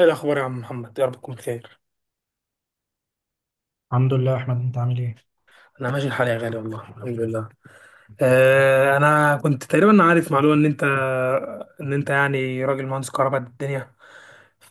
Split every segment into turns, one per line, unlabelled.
ايه الاخبار يا عم محمد، يا رب تكون بخير.
الحمد لله يا احمد، انت عامل ايه؟
انا ماشي الحال يا غالي، والله الحمد لله. انا كنت تقريبا عارف معلومه ان انت، ان انت يعني راجل مهندس كهرباء قد الدنيا.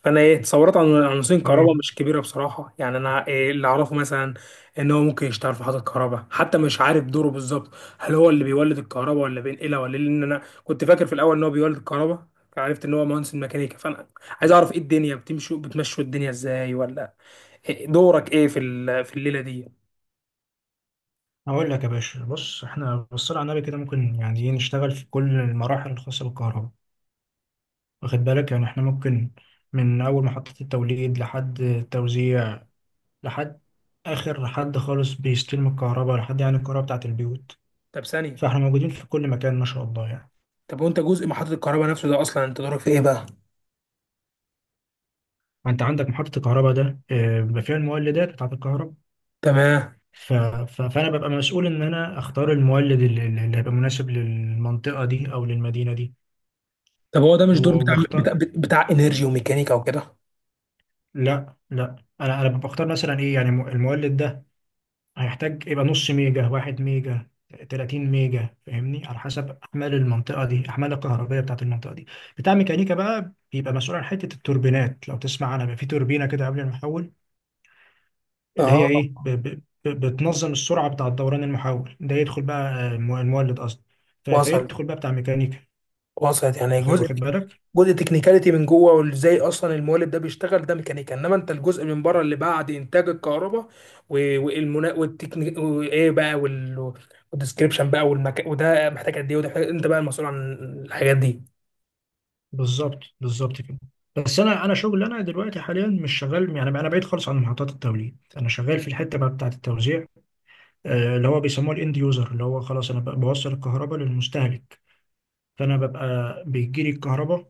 فانا ايه تصورات عن مهندسين كهرباء
حبيبي،
مش كبيره بصراحه، يعني انا إيه اللي اعرفه مثلا؟ ان هو ممكن يشتغل في محطه كهرباء، حتى مش عارف دوره بالظبط. هل هو اللي بيولد الكهرباء ولا بينقلها ولا إيه؟ لان انا كنت فاكر في الاول ان هو بيولد الكهرباء. عرفت ان هو مهندس ميكانيكا، فانا عايز اعرف ايه الدنيا، بتمشوا الدنيا ازاي، ولا إيه دورك ايه في في الليله دي؟
هقول لك يا باشا. بص، احنا بالصلاه على النبي كده ممكن ايه نشتغل في كل المراحل الخاصه بالكهرباء، واخد بالك؟ يعني احنا ممكن من اول محطه التوليد لحد التوزيع، لحد اخر حد خالص بيستلم الكهرباء، لحد يعني الكهرباء بتاعه البيوت.
طب ثانية.
فاحنا موجودين في كل مكان ما شاء الله يعني.
طب وانت جزء محطة الكهرباء نفسه ده، اصلا انت دورك في ايه بقى؟
انت عندك محطه الكهرباء ده آه، بيبقى فيها المولدات بتاعه الكهرباء.
تمام.
فانا ببقى مسؤول ان انا اختار المولد اللي هيبقى مناسب للمنطقه دي او للمدينه دي،
طب هو ده مش دور
وبختار.
بتاع انرجي وميكانيكا وكده؟
لا لا، انا بختار مثلا ايه، يعني المولد ده هيحتاج يبقى نص ميجا، واحد ميجا، 30 ميجا، فاهمني؟ على حسب احمال المنطقه دي، احمال الكهربائيه بتاعت المنطقه دي. بتاع ميكانيكا بقى بيبقى مسؤول عن حته التوربينات، لو تسمع عنها بيبقى في توربينه كده قبل المحول، اللي هي
اه.
ايه ب ب ب بتنظم السرعه بتاع دوران المحول ده، يدخل بقى آه، المولد قصدي.
وصل،
فيدخل بقى بتاع ميكانيكا.
وصلت يعني
واخد
جزء،
واخد بالك؟
جزء تكنيكاليتي من جوه، وازاي اصلا المولد ده بيشتغل، ده ميكانيكا. انما انت الجزء من بره اللي بعد انتاج الكهرباء، والمنا والتكنيك وايه بقى والديسكريبشن بقى والمكان، وده محتاج قد ايه، وده محتاج، انت بقى المسؤول عن الحاجات دي.
بالظبط بالظبط كده. بس انا، شغل انا دلوقتي حاليا مش شغال، يعني انا بعيد خالص عن محطات التوليد. انا شغال في الحته بقى بتاعه التوزيع، آه، اللي هو بيسموه الاند يوزر، اللي هو خلاص انا بقى بوصل الكهرباء للمستهلك. فانا ببقى بيجي لي الكهرباء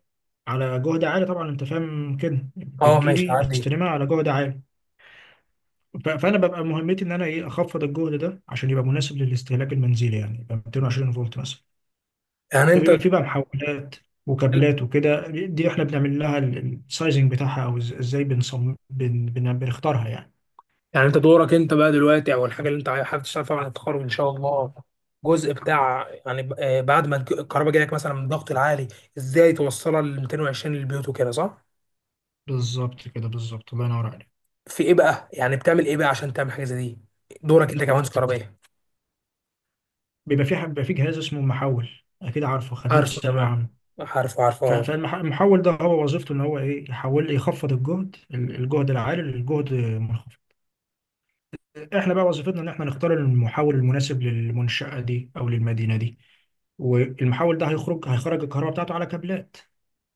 على جهد عالي طبعا، انت فاهم كده،
اه
بتجي
ماشي
لي
عادي.
بستلمها على جهد عالي. فانا ببقى مهمتي ان انا ايه اخفض الجهد ده عشان يبقى مناسب للاستهلاك المنزلي، يعني يبقى 220 فولت مثلا.
يعني انت
فبيبقى في بقى محولات وكابلات وكده، دي احنا بنعمل لها السايزنج بتاعها، او ازاي بنصمم بن بن بنختارها يعني.
يعني انت دورك انت بقى دلوقتي، او الحاجه اللي انت حابب تشتغل فيها بعد التخرج ان شاء الله، جزء بتاع يعني بعد ما الكهرباء جايلك مثلا من الضغط العالي، ازاي توصلها ل 220 للبيوت وكده، صح؟
بالظبط كده، بالظبط، الله ينور عليك.
في ايه بقى؟ يعني بتعمل ايه بقى عشان تعمل حاجه زي دي؟ دورك انت كمهندس كهربائي.
بيبقى في بيبقى في جهاز اسمه محول، اكيد عارفه، خدناه في
عارفه
ثانويه
تمام.
عامه.
عارفه اه.
فالمحول ده هو وظيفته ان هو ايه يحول، يخفض الجهد الجهد العالي للجهد المنخفض. احنا بقى وظيفتنا ان احنا نختار المحول المناسب للمنشأة دي او للمدينة دي، والمحول ده هيخرج الكهرباء بتاعته على كابلات.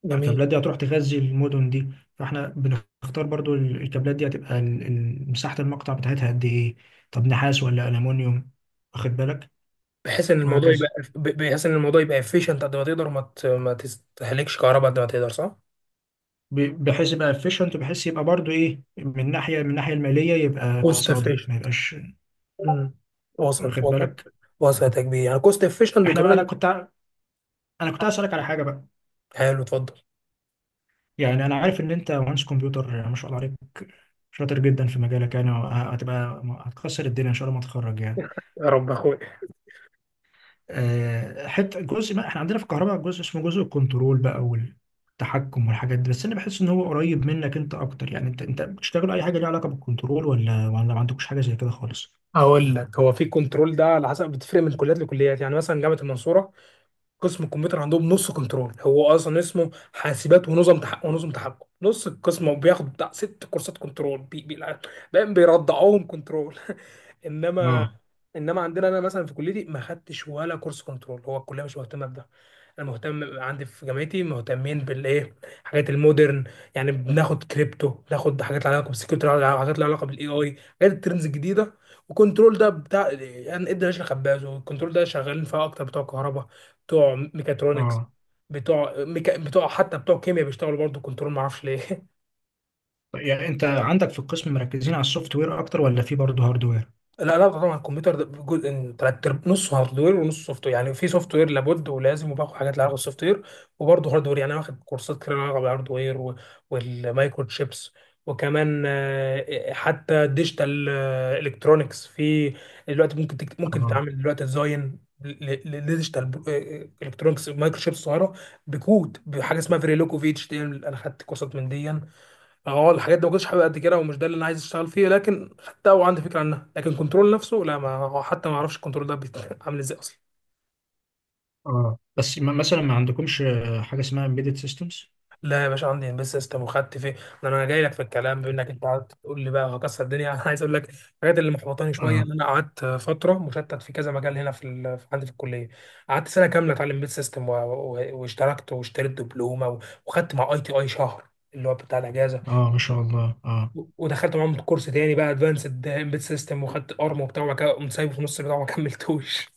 جميل.
الكابلات دي هتروح تغذي المدن دي، فاحنا بنختار برضو الكابلات دي هتبقى مساحة المقطع بتاعتها قد ايه، طب نحاس ولا ألمونيوم، واخد بالك،
بحيث ان الموضوع
وهكذا.
يبقى، بحيث ان الموضوع يبقى افيشنت قد ما تقدر، ما ما تستهلكش كهرباء قد ما تقدر، صح؟
بحيث يبقى efficient، بحيث يبقى برضو ايه من ناحية، من ناحية المالية يبقى
كوست
اقتصادي، ما
افيشنت.
يبقاش.
وصلت،
واخد
وصلت،
بالك؟
وصلت يا كبير، يعني كوست افيشنت
احنا بقى، انا
وكمان.
كنت انا كنت هسألك على حاجة بقى.
حلو، اتفضل.
يعني انا عارف ان انت مهندس كمبيوتر، يعني ما شاء الله عليك، شاطر جدا في مجالك، يعني هتبقى هتكسر الدنيا ان شاء الله ما تخرج يعني.
يا رب اخويا.
آه، حته جزء ما احنا عندنا في الكهرباء جزء اسمه جزء الكنترول بقى والتحكم والحاجات دي، بس انا بحس ان هو قريب منك انت اكتر، يعني انت بتشتغل اي حاجه ليها علاقه بالكنترول، ولا ما عندكش حاجه زي كده خالص؟
هقول لك، هو في كنترول ده على حسب، بتفرق من كليات لكليات، يعني مثلا جامعه المنصوره قسم الكمبيوتر عندهم نص كنترول، هو اصلا اسمه حاسبات ونظم تحكم، ونظم تحكم نص القسم، وبياخد بتاع 6 كورسات كنترول، بي بقى بيرضعوهم كنترول. انما،
اه.
عندنا انا مثلا في كليتي ما خدتش ولا كورس كنترول، هو الكليه مش مهتمه بده. انا مهتم، عندي في جامعتي مهتمين بالايه، حاجات المودرن. يعني بناخد كريبتو، بناخد حاجات لها علاقه بالسكيورتي، حاجات لها علاقه بالاي اي، حاجات الترندز الجديده. وكنترول ده بتاع يعني ادي راشد خباز، والكنترول ده شغالين فيها اكتر بتوع كهرباء، بتوع ميكاترونكس،
اه.
بتوع حتى بتوع كيمياء بيشتغلوا برضه كنترول، ما اعرفش ليه
طيب، يعني انت عندك في القسم مركزين على السوفت وير اكتر، ولا في برضه هاردوير؟
لا لا طبعا الكمبيوتر ده جزء نصه هارد وير ونص سوفت وير، يعني في سوفت وير لابد ولازم، وباخد حاجات لها علاقه بالسوفت وير، وبرضه هارد وير. يعني أنا واخد كورسات كتير لها علاقه بالهارد وير، والمايكرو تشيبس، وكمان حتى ديجيتال الكترونكس. في دلوقتي ممكن ممكن
اه.
تعمل دلوقتي ديزاين لديجيتال الكترونكس مايكرو تشيبس صغيره، بكود بحاجه اسمها فيريلوكو في اتش تي ام، انا خدت كورسات من دي. اه الحاجات دي ما كنتش حابب قد كده، ومش ده اللي انا عايز اشتغل فيه، لكن حتى هو عندي فكره عنها. لكن كنترول نفسه لا، ما هو حتى ما اعرفش الكنترول ده عامل ازاي اصلا.
اه. بس مثلا ما عندكمش آه، حاجه اسمها امبيدد سيستمز؟
لا يا باشا، عندي امبيد سيستم وخدت فيه. ده انا جاي لك في الكلام، بما انك انت قعدت تقول لي بقى هكسر الدنيا انا عايز اقول لك الحاجات اللي محبطاني شويه،
اه.
ان انا قعدت فتره مشتت في كذا مجال هنا في عندي في الكليه. قعدت سنه كامله اتعلم امبيد سيستم واشتركت، واشتريت دبلومه وخدت مع اي تي اي شهر، اللي هو بتاع الاجازه.
اه ما شاء الله. اه
ودخلت معاهم كورس تاني بقى ادفانسد امبيد سيستم، وخدت ارم وبتاع، وبعد كده قمت سايبه في نص البتاع وما كملتوش.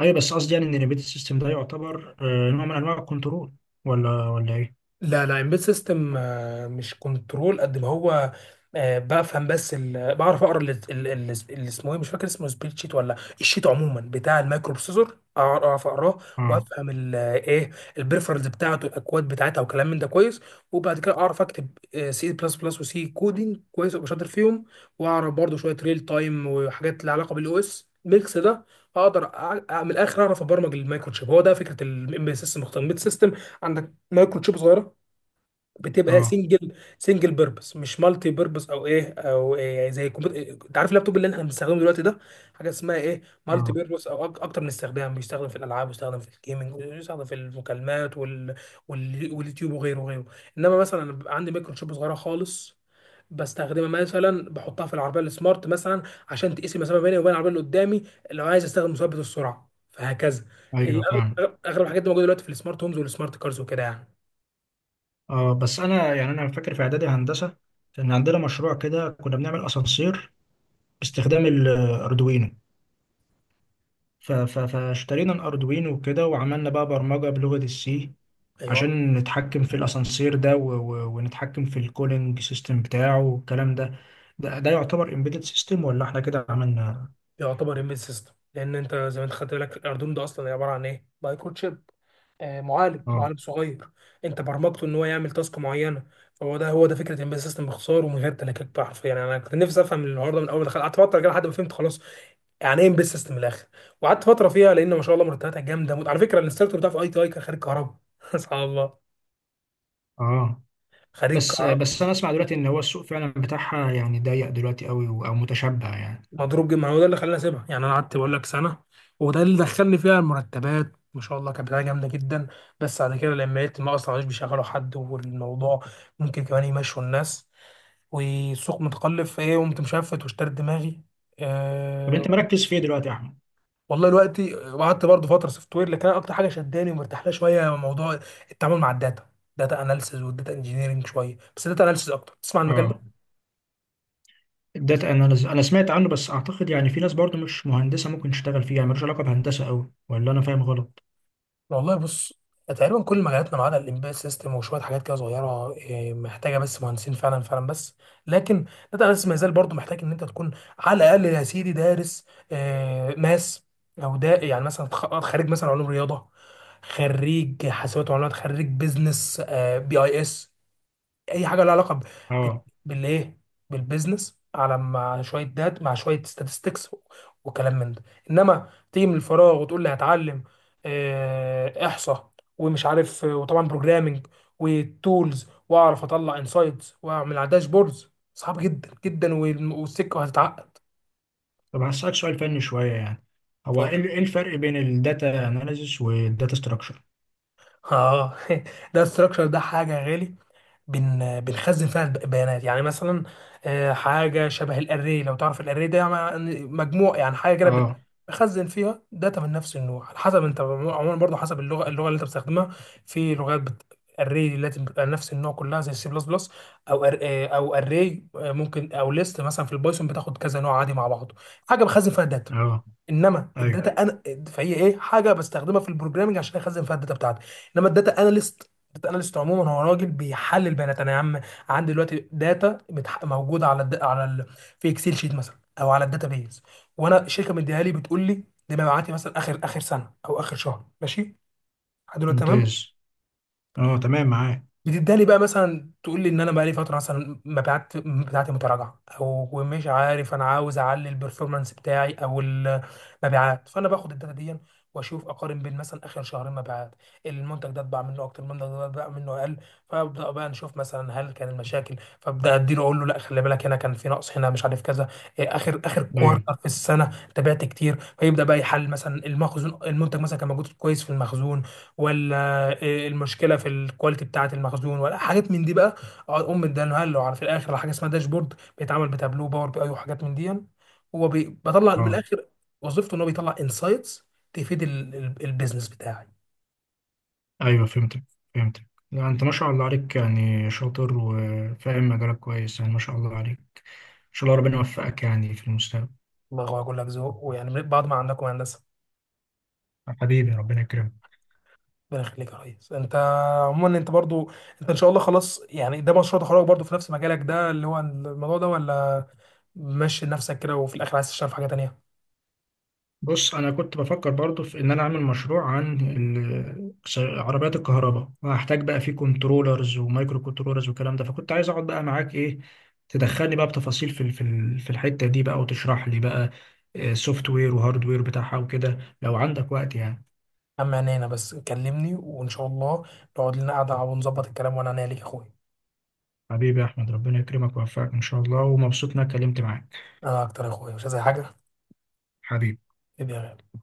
ايوه، بس قصدي يعني ان الامبيدد سيستم ده يعتبر آه، نوع من انواع الكنترول، ولا ايه؟
لا لا امبيد سيستم مش كنترول قد ما هو، بفهم بس بعرف اقرا اللي اسمه ايه، مش فاكر اسمه، سبريد شيت ولا الشيت عموما بتاع المايكرو بروسيسور، اعرف اقراه
اه.
وافهم ايه البريفرنس بتاعته الاكواد بتاعتها وكلام من ده كويس. وبعد كده اعرف اكتب سي بلس بلس وسي كودينج كويس، ابقى شاطر فيهم. واعرف برضه شويه ريل تايم وحاجات لها علاقه بالاو اس ميكس ده، اقدر من الاخر اعرف ابرمج المايكرو تشيب. هو ده فكره الامبيد سيستم. امبيد سيستم عندك مايكرو تشيب صغيره، بتبقى
اه.
سنجل، سنجل بيربس مش مالتي بيربس او ايه او إيه، زي الكمبيوتر انت عارف اللابتوب اللي احنا بنستخدمه دلوقتي ده، حاجه اسمها ايه مالتي
اه.
بيربس، او اكتر من استخدام، بيستخدم في الالعاب، بيستخدم في الجيمنج، بيستخدم في المكالمات واليوتيوب وغيره وغيره. انما مثلا أنا بيبقى عندي ميكروشوب صغيره خالص، بستخدمها مثلا، بحطها في العربيه السمارت مثلا عشان تقيس المسافه بيني وبين العربيه اللي قدامي، لو عايز استخدم مثبت السرعه، فهكذا. هي
ايوه فاهم.
أغلب الحاجات دي موجوده دلوقتي في السمارت هومز والسمارت كارز وكده يعني.
اه بس انا يعني انا فاكر في اعدادي هندسه كان عندنا مشروع كده، كنا بنعمل اسانسير باستخدام الاردوينو. فاشترينا الاردوينو وكده، وعملنا بقى برمجه بلغه السي
ايوه
عشان نتحكم في الاسانسير ده، ونتحكم في الكولينج سيستم بتاعه والكلام ده. ده يعتبر امبيدد سيستم، ولا احنا كده عملنا؟
يعتبر امبيد سيستم، لان انت زي ما انت خدت بالك الاردوينو ده اصلا عباره عن ايه، مايكرو تشيب، آه معالج
اه.
معالج صغير، انت برمجته ان هو يعمل تاسك معينه. فهو ده فكره امبيد سيستم باختصار ومن غير تلكيك بقى حرفيا. يعني انا كنت نفسي افهم الحوار ده من اول ما دخلت، قعدت فتره كده لحد ما فهمت خلاص يعني ايه امبيد سيستم من الاخر. وقعدت فتره فيها لان ما شاء الله مرتباتها جامده موت. على فكره الانستراكتور بتاع في اي تي اي كان خريج كهرباء سبحان الله.
اه.
خريج
بس
كهرباء
انا اسمع دلوقتي ان هو السوق فعلا بتاعها يعني ضيق دلوقتي قوي، او متشبع يعني.
مضروب جدا، ما هو ده اللي خلاني اسيبها، يعني انا قعدت بقول لك سنه. وده اللي دخلني فيها المرتبات ما شاء الله كانت بتاعه جامده جدا. بس بعد كده لما لقيت ما اصلا مش بيشغلوا حد، والموضوع ممكن كمان يمشوا الناس، والسوق متقلب، فايه قمت مشفت واشتريت دماغي.
طب انت
أه.
مركز في ايه دلوقتي يا احمد؟
والله الوقت، وقعدت برضه فتره سوفت وير، لكن انا اكتر حاجه شداني ومرتاح لها شويه هو موضوع التعامل مع الداتا. داتا اناليسز والداتا انجينيرنج شويه، بس داتا اناليسز اكتر، تسمع عن المجال
اه
ده.
الداتا اناليز انا سمعت عنه، بس اعتقد يعني في ناس برضو مش مهندسه ممكن تشتغل فيه، يعني ملوش علاقه بهندسه قوي، ولا انا فاهم غلط؟
والله بص، تقريبا كل مجالاتنا ما عدا الامبيد سيستم وشويه حاجات كده صغيره، محتاجه بس مهندسين فعلا، فعلا بس. لكن داتا اناليسيس ما يزال برضه محتاج ان انت تكون على الاقل يا سيدي دارس، ماس، او ده يعني مثلا خريج مثلا علوم رياضه، خريج حاسبات ومعلومات، خريج بيزنس، بي اي اس، اي حاجه لها علاقه ب-
اه.
بالايه، بالبيزنس، على مع شويه دات، مع شويه statistics، وكلام من ده. انما تيجي من الفراغ وتقول لي هتعلم احصاء ومش عارف وطبعا بروجرامنج وتولز، واعرف اطلع انسايتس واعمل على داشبوردز، صعب جدا جدا والسكه هتتعقد.
طب هسالك سؤال فني شويه يعني، هو ايه
اتفضل.
إيه الفرق بين الداتا اناليزس والداتا ستراكشر؟
اه ده الستراكشر ده حاجه يا غالي، بنخزن فيها البيانات. يعني مثلا حاجه شبه الاري، لو تعرف الاري ده يعني مجموع، يعني حاجه كده
اه.
بخزن فيها داتا من نفس النوع، على حسب انت عموما برضه حسب اللغه اللي انت بتستخدمها. في لغات الري التي بتبقى نفس النوع كلها زي السي بلس بلس، او أر... آه، او اري ممكن، او ليست مثلا في البايثون بتاخد كذا نوع عادي مع بعضه، حاجه بخزن فيها داتا.
اه.
انما
ايوه.
الداتا انا، فهي ايه حاجه بستخدمها في البروجرامنج عشان اخزن فيها الداتا بتاعتي. انما الداتا اناليست، الداتا اناليست عموما هو راجل بيحلل بيانات. انا يا عم عندي دلوقتي داتا موجوده على في اكسل شيت مثلا، او على الداتا بيز. وانا الشركه مديها لي، بتقول لي دي مبيعاتي مثلا اخر، سنه او اخر شهر، ماشي لحد دلوقتي، تمام.
ممتاز. اه تمام معاك.
بتداني بقى مثلا تقول لي ان انا بقى لي فتره مثلا مبيعات بتاعتي متراجعه، او مش عارف انا عاوز اعلي البرفورمانس بتاعي او المبيعات، فانا باخد الداتا دي واشوف، اقارن بين مثلا اخر شهرين مبيعات، المنتج ده اتباع منه اكتر، المنتج ده اتباع منه اقل. فابدا بقى نشوف مثلا هل كان المشاكل، فابدا اديله اقول له لا خلي بالك هنا كان في نقص، هنا مش عارف كذا، اخر،
ايوه.
كوارتر في السنه تبعت كتير، فيبدا بقى يحل مثلا المخزون، المنتج مثلا كان موجود كويس في المخزون ولا إيه المشكله في الكواليتي بتاعه المخزون، ولا حاجات من دي بقى. اقعد ام اداله له على في الاخر على حاجه اسمها داشبورد، بيتعمل بتابلو باور بي اي وحاجات من دي، هو بطلع من
اه.
الاخر وظيفته ان هو بيطلع انسايتس تفيد البيزنس بتاعي.
ايوه فهمتك لا انت ما شاء الله عليك، يعني شاطر وفاهم مجالك كويس، يعني ما شاء الله عليك. ان شاء الله ربنا يوفقك يعني في المستقبل.
الله هو يقول لك ذوق، ويعني من بعض ما عندكم يا هندسه.
حبيبي، ربنا يكرمك.
ربنا يخليك يا ريس. انت عموما انت برضو، انت ان شاء الله خلاص، يعني ده مشروع تخرجك برضو في نفس مجالك ده اللي هو الموضوع ده، ولا ماشي نفسك كده وفي الاخر عايز تشتغل في حاجه تانيه؟
بص انا كنت بفكر برضو في ان انا اعمل مشروع عن عربيات الكهرباء، وهحتاج بقى فيه كنترولرز ومايكرو كنترولرز والكلام ده، فكنت عايز اقعد بقى معاك ايه، تدخلني بقى بتفاصيل في في الحتة دي بقى، وتشرح لي بقى سوفت وير وهارد وير بتاعها وكده لو عندك وقت يعني.
اما انا بس كلمني وان شاء الله نقعد لنا قعده ونظبط الكلام، وانا، ليك يا اخويا.
حبيبي يا احمد، ربنا يكرمك ويوفقك ان شاء الله، ومبسوط اني اتكلمت معاك.
انا اكتر يا اخويا، مش عايز أي حاجه.
حبيبي.
إيدي يا غالي.